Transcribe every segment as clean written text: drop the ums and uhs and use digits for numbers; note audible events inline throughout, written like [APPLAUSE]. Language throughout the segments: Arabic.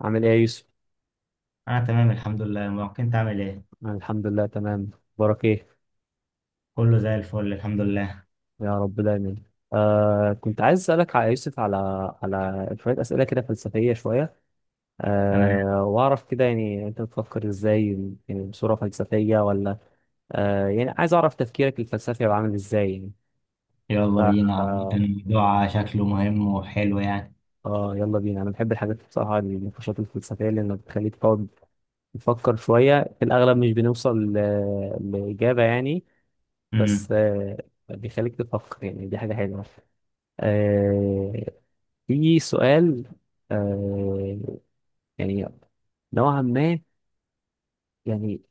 عامل ايه يا يوسف؟ انا تمام الحمد لله، ممكن تعمل ايه. أنا الحمد لله تمام. بارك ايه. كله زي الفل الحمد لله. يا رب دايما. كنت عايز اسألك على يوسف على على شوية أسئلة كده فلسفية شوية. تمام، واعرف كده انت بتفكر ازاي، يعني بصورة فلسفية ولا يعني عايز اعرف تفكيرك الفلسفي هيبقى عامل ازاي يعني. ف يلا بينا. عامة آه, الموضوع شكله مهم وحلو يعني. اه يلا بينا، انا بحب الحاجات بصراحة، النقاشات الفلسفية لانها بتخليك تقعد تفكر شوية. في الاغلب مش بنوصل لإجابة يعني، بس امم بيخليك تفكر، يعني دي حاجة حلوة. آه في سؤال، آه يعني نوعا ما، يعني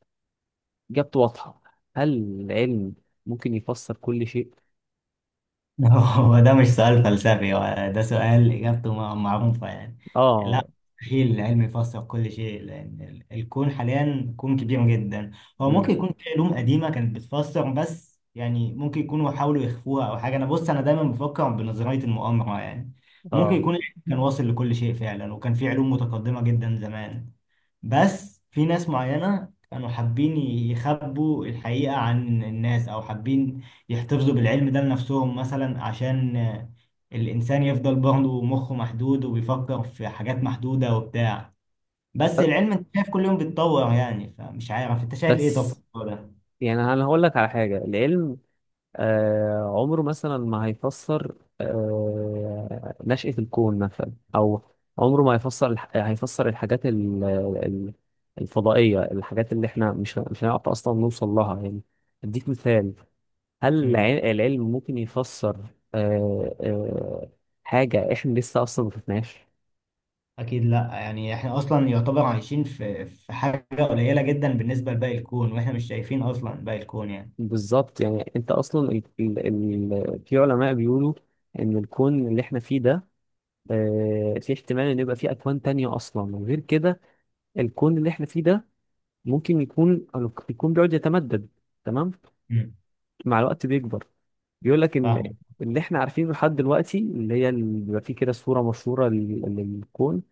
إجابته واضحة. هل العلم ممكن يفسر كل شيء؟ [LAUGHS] هو ده مش سؤال فلسفي، هو ده سؤال إجابته معروفة يعني. لا، آه. مستحيل العلم يفسر كل شيء، لأن الكون حاليا كون كبير جدا. هو مم. ممكن يكون في علوم قديمة كانت بتفسر، بس يعني ممكن يكونوا حاولوا يخفوها أو حاجة. أنا بص، أنا دايما بفكر بنظرية المؤامرة يعني. ممكن آه يكون العلم كان واصل لكل شيء فعلا، وكان في علوم متقدمة جدا زمان، بس في ناس معينة كانوا حابين يخبوا الحقيقة عن الناس، أو حابين يحتفظوا بالعلم ده لنفسهم مثلا. عشان الإنسان يفضل برضه مخه محدود وبيفكر في حاجات محدودة وبتاع. بس ب- العلم أنت شايف كل يوم بيتطور يعني، فمش عارف أنت شايف إيه طب في بس الموضوع ده؟ يعني أنا هقول لك على حاجة. العلم عمره مثلا ما هيفسر نشأة الكون مثلا، أو عمره ما هيفسر هيفسر الفضائية، الحاجات اللي احنا مش هنعرف أصلا نوصل لها يعني. أديك مثال. هل مم. العلم ممكن يفسر آه، آه، حاجة احنا لسه اصلا ما شفناش؟ أكيد لأ، يعني إحنا أصلا يعتبر عايشين في حاجة قليلة جدا بالنسبة لباقي الكون، وإحنا مش شايفين أصلا باقي الكون يعني. بالظبط، يعني انت اصلا ال ال ال في علماء بيقولوا ان الكون اللي احنا فيه ده، في احتمال ان يبقى فيه اكوان تانية اصلا. وغير كده، الكون اللي احنا فيه ده ممكن يكون، بيقعد يتمدد، تمام، مم. مع الوقت بيكبر. بيقول لك ان فاهم. اللي احنا عارفينه لحد دلوقتي، اللي هي اللي بيبقى فيه كده صورة مشهورة للكون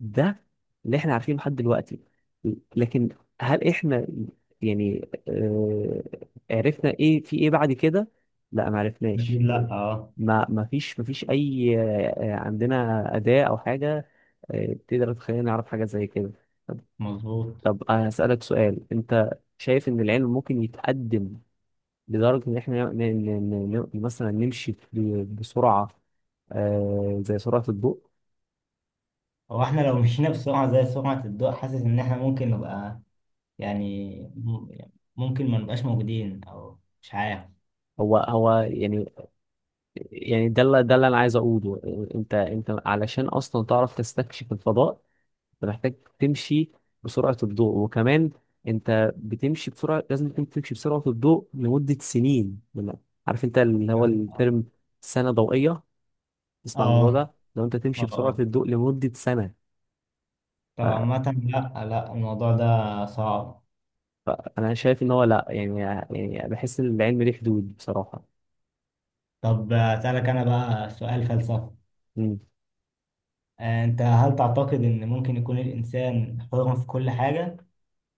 ده اللي احنا عارفينه لحد دلوقتي. لكن هل احنا يعني عرفنا ايه في ايه بعد كده؟ لا ما عرفناش. أكيد لأ، أه. ما فيش اي عندنا اداة او حاجة تقدر تخلينا نعرف حاجة زي كده. طب مظبوط. طب انا هسألك سؤال. انت شايف ان العلم ممكن يتقدم لدرجة ان احنا مثلا نمشي بسرعة زي سرعة الضوء؟ هو احنا لو مشينا بسرعة زي سرعة الضوء، حاسس ان احنا ممكن نبقى يعني، يعني ممكن ما نبقاش موجودين او مش عارف هو هو يعني يعني ده اللي انا عايز اقوله. انت، علشان اصلا تعرف تستكشف الفضاء، انت محتاج تمشي بسرعة الضوء. وكمان انت بتمشي بسرعة، لازم تكون تمشي بسرعة الضوء لمدة سنين. عارف انت اللي هو يعني. اه. الترم سنة ضوئية؟ تسمع الموضوع اه. ده؟ لو انت تمشي بسرعة اه. الضوء لمدة سنة. طب عامة، لا لا، الموضوع ده صعب. انا شايف ان هو لا، يعني يعني بحس ان العلم ليه حدود بصراحة. طب اسألك انا بقى سؤال فلسفي. مم. انت هل تعتقد ان ممكن يكون الانسان حر في كل حاجة،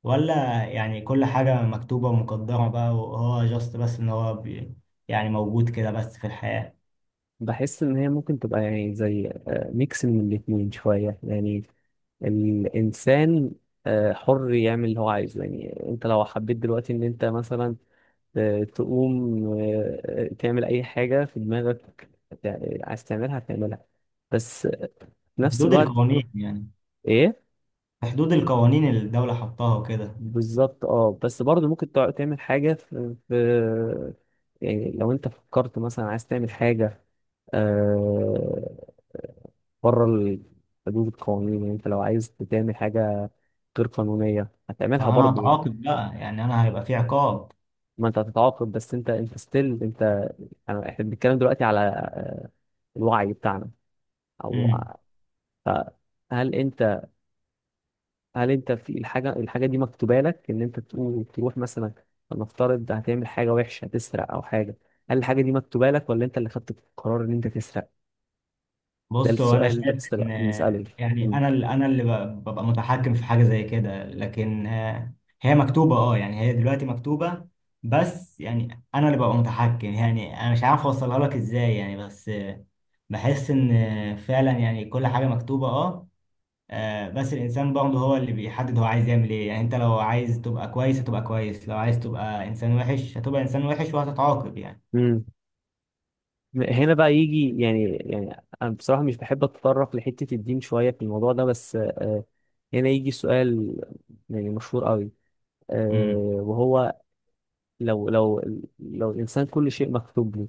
ولا يعني كل حاجة مكتوبة ومقدرة بقى، وهو جاست بس ان هو بي، يعني موجود كده بس في الحياة؟ بحس ان هي ممكن تبقى يعني زي ميكس من الاتنين شوية يعني. الإنسان حر يعمل اللي هو عايزه. يعني أنت لو حبيت دلوقتي إن أنت مثلا تقوم تعمل أي حاجة في دماغك عايز تعملها هتعملها. بس في نفس بحدود الوقت، القوانين يعني. إيه، في حدود القوانين اللي الدولة حطاها وكده. بالظبط، أه. بس برضه ممكن تعمل حاجة في، يعني لو أنت فكرت مثلا عايز تعمل حاجة آه، بره حدود القوانين، يعني أنت لو عايز تعمل حاجة غير قانونية هتعملها ما انا برضه. هتعاقب بقى، يعني انا هيبقى في عقاب. ما انت هتتعاقب، بس انت انت ستيل انت. يعني احنا بنتكلم دلوقتي على الوعي بتاعنا او امم. ف- هل انت، هل انت في الحاجه، الحاجه دي مكتوبه لك ان انت تقول تروح مثلا، فلنفترض هتعمل حاجه وحشه، هتسرق او حاجه. هل الحاجه دي مكتوبه لك ولا انت اللي خدت القرار ان انت تسرق؟ ده بص، هو انا السؤال اللي انت شايف ان بنساله. يعني، مم. انا اللي ببقى متحكم في حاجة زي كده، لكن هي مكتوبة اه. يعني هي دلوقتي مكتوبة، بس يعني انا اللي ببقى متحكم يعني. انا مش عارف اوصلها لك ازاي يعني، بس بحس ان فعلا يعني كل حاجة مكتوبة اه. بس الانسان برضه هو اللي بيحدد هو عايز يعمل ايه يعني. انت لو عايز تبقى كويس هتبقى كويس، لو عايز تبقى انسان وحش هتبقى انسان وحش وهتتعاقب يعني. مم. هنا بقى يجي، يعني يعني انا بصراحه مش بحب اتطرق لحته الدين شويه في الموضوع ده، بس هنا يجي سؤال يعني مشهور قوي، امم. وهو لو لو الانسان كل شيء مكتوب له،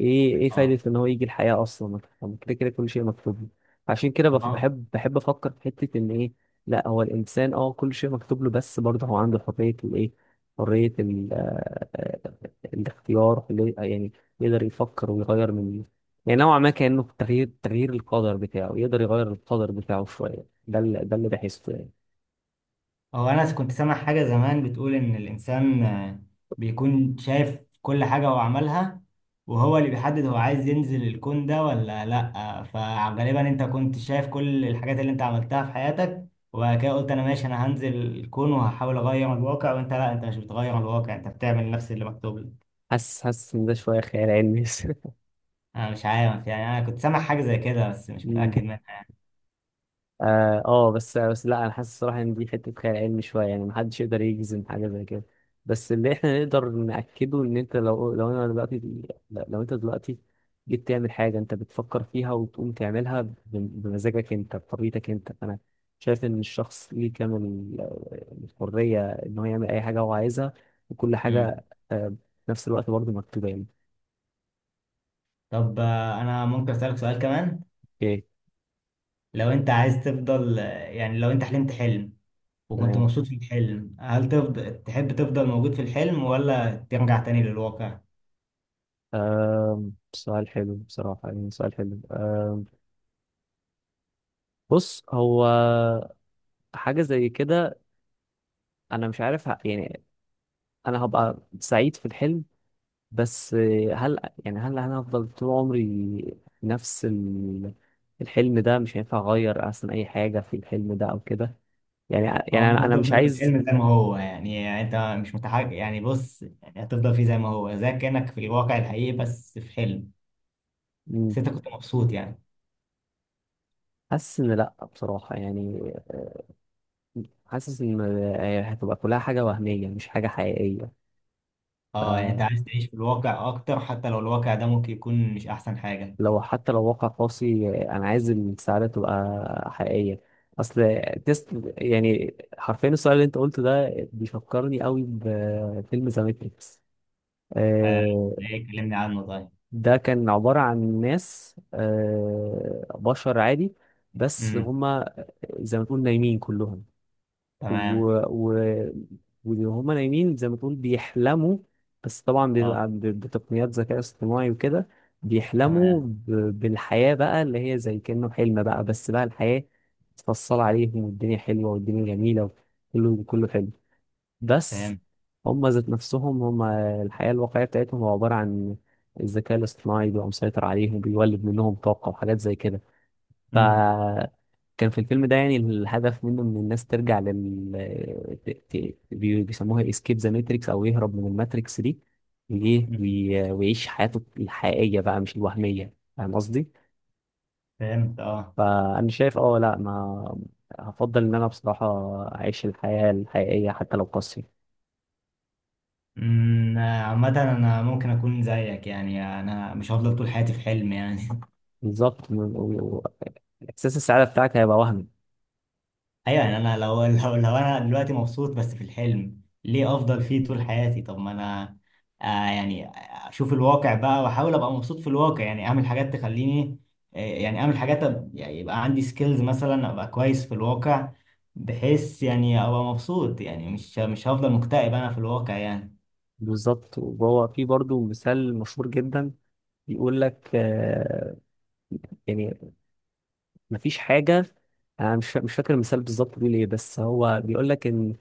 ايه، ايه اه. فايده ان هو يجي الحياه اصلا؟ ما كده كده كل شيء مكتوب له. عشان كده هو بحب، افكر في حته ان ايه، لا هو الانسان اه كل شيء مكتوب له، بس برضه هو عنده حريه الايه، حريه ال آه، آه، الاختيار يعني يقدر يفكر ويغير من، يعني نوعا ما كانه تغيير، القدر بتاعه، يقدر يغير القدر بتاعه شويه. ده اللي بحسه يعني. هو انا كنت سامع حاجة زمان بتقول ان الانسان بيكون شايف كل حاجة هو عملها، وهو اللي بيحدد هو عايز ينزل الكون ده ولا لا. فغالبا انت كنت شايف كل الحاجات اللي انت عملتها في حياتك، وبعد كده قلت انا ماشي انا هنزل الكون وهحاول اغير الواقع، وانت لا، انت مش بتغير الواقع، انت بتعمل نفس اللي مكتوب لك. حاسس، ان ده شويه خيال علمي. انا مش عارف يعني، انا كنت سامع حاجه زي كده بس مش متاكد [LAUGHS] منها. اه، بس لا، انا حاسس الصراحه ان دي حته خيال علمي شويه، يعني محدش يقدر يجزم حاجه زي كده. بس اللي احنا نقدر ناكده ان انت لو، انا دلوقتي، لو انت دلوقتي جيت تعمل حاجه انت بتفكر فيها وتقوم تعملها بمزاجك انت، بطبيعتك انت، فانا شايف ان الشخص ليه كامل الحريه ان هو يعمل اي حاجه هو عايزها. وكل امم. حاجه آه، في نفس الوقت برضه مكتوبه يعني. طب انا ممكن اسالك سؤال كمان؟ اوكي، لو انت عايز تفضل، يعني لو انت حلمت حلم وكنت تمام. مبسوط في الحلم، هل تفضل تحب تفضل موجود في الحلم، ولا ترجع تاني للواقع؟ سؤال حلو بصراحه، يعني سؤال حلو. بص، هو حاجة زي كده، أنا مش عارف يعني أنا هبقى سعيد في الحلم، بس هل، يعني هل أنا هفضل طول عمري نفس الحلم ده؟ مش هينفع أغير أصلا أي حاجة في الحلم ده أو كده. يعني، او انت أنا مش هتفضل في عايز. الحلم زي ما هو يعني، يعني انت مش متحرك يعني، بص يعني هتفضل فيه زي ما هو، زي كانك في الواقع الحقيقي بس في حلم، بس مم، انت كنت مبسوط يعني. حاسس إن لأ بصراحة، يعني حاسس إن هتبقى كلها حاجة وهمية، مش حاجة حقيقية. اه يعني انت عايز تعيش في الواقع اكتر، حتى لو الواقع ده ممكن يكون مش احسن حاجه. لو، حتى لو واقع قاسي، انا عايز السعادة تبقى حقيقية. اصل تيست، يعني حرفيا السؤال اللي انت قلته ده بيفكرني قوي بفيلم ذا ماتريكس. آه، آه، ليه؟ كلمني عنه طيب. ده كان عبارة عن ناس بشر عادي، بس امم. هما زي ما تقول نايمين كلهم. و... تمام. و... وهما نايمين زي ما تقول بيحلموا، بس طبعا اه. بيبقى بتقنيات ذكاء اصطناعي وكده. بيحلموا تمام. ب... بالحياة بقى اللي هي زي كأنه حلم بقى، بس بقى الحياة متفصلة عليهم، والدنيا حلوة، والدنيا جميلة، كله حلو. بس فهمت. هما ذات نفسهم، هما الحياة الواقعية بتاعتهم هو عبارة عن الذكاء الاصطناعي بيبقى مسيطر عليهم، بيولد منهم طاقة وحاجات زي كده. امم. فكان في الفيلم ده يعني الهدف منه ان الناس ترجع لل ت- ت- بي- بيسموها اسكيب ذا ماتريكس، او يهرب من الماتريكس دي أمم. ويعيش حياته الحقيقية بقى، مش الوهمية. فاهم قصدي؟ فهمت اه. فأنا شايف اه لا، ما هفضل إن أنا بصراحة أعيش الحياة الحقيقية حتى لو قاسية. امم. عامة انا ممكن اكون زيك يعني، انا مش هفضل طول حياتي في حلم يعني [LAUGHS] بالظبط، و- إحساس السعادة بتاعك هيبقى وهمي. ايوه يعني، انا لو [LAUGHS] لو انا دلوقتي مبسوط بس في الحلم، ليه افضل فيه طول حياتي؟ طب ما انا يعني اشوف الواقع بقى، واحاول ابقى مبسوط في الواقع يعني، اعمل حاجات تخليني، يعني اعمل حاجات يعني يبقى عندي سكيلز مثلا، ابقى كويس في الواقع، بحيث يعني ابقى مبسوط يعني، مش هفضل مكتئب انا في الواقع يعني. بالظبط. وهو في برضه مثال مشهور جدا بيقول لك يعني مفيش حاجة، أنا مش فاكر المثال بالظبط بيقول إيه، بس هو بيقول لك إن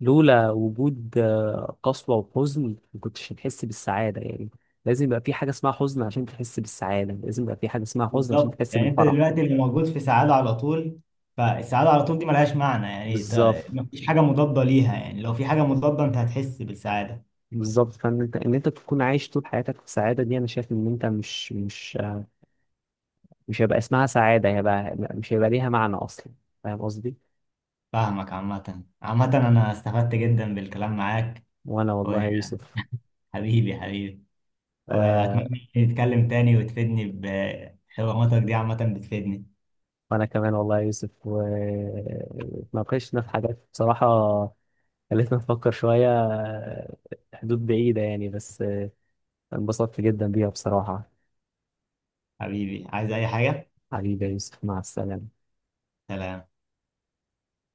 لولا وجود قسوة وحزن، ما كنتش هتحس بالسعادة يعني. لازم يبقى في حاجة اسمها حزن عشان تحس بالسعادة، لازم يبقى في حاجة اسمها حزن عشان بالظبط. تحس يعني انت بالفرح. دلوقتي اللي موجود في سعادة على طول، فالسعادة على طول دي ملهاش معنى يعني، بالظبط، مفيش حاجة مضادة ليها يعني، لو في حاجة مضادة انت هتحس بالسعادة. بالظبط. فإن أنت، إن أنت تكون عايش طول حياتك في سعادة، دي أنا شايف إن أنت مش مش مش هيبقى اسمها سعادة، هيبقى، مش هيبقى ليها معنى أصلا. فاهم قصدي؟ فاهمك. عامة عامة أنا استفدت جدا بالكلام معاك، وأنا والله يا يوسف. وحبيبي، آه وأتمنى نتكلم تاني وتفيدني بحواراتك دي، عامة بتفيدني. وانا كمان والله يا يوسف، واتناقشنا في حاجات بصراحة خلتنا نفكر شوية، حدود بعيدة يعني، بس انبسطت جدا بيها بصراحة. حبيبي عايز أي حاجة؟ حبيبي يا يوسف، مع السلامة. سلام.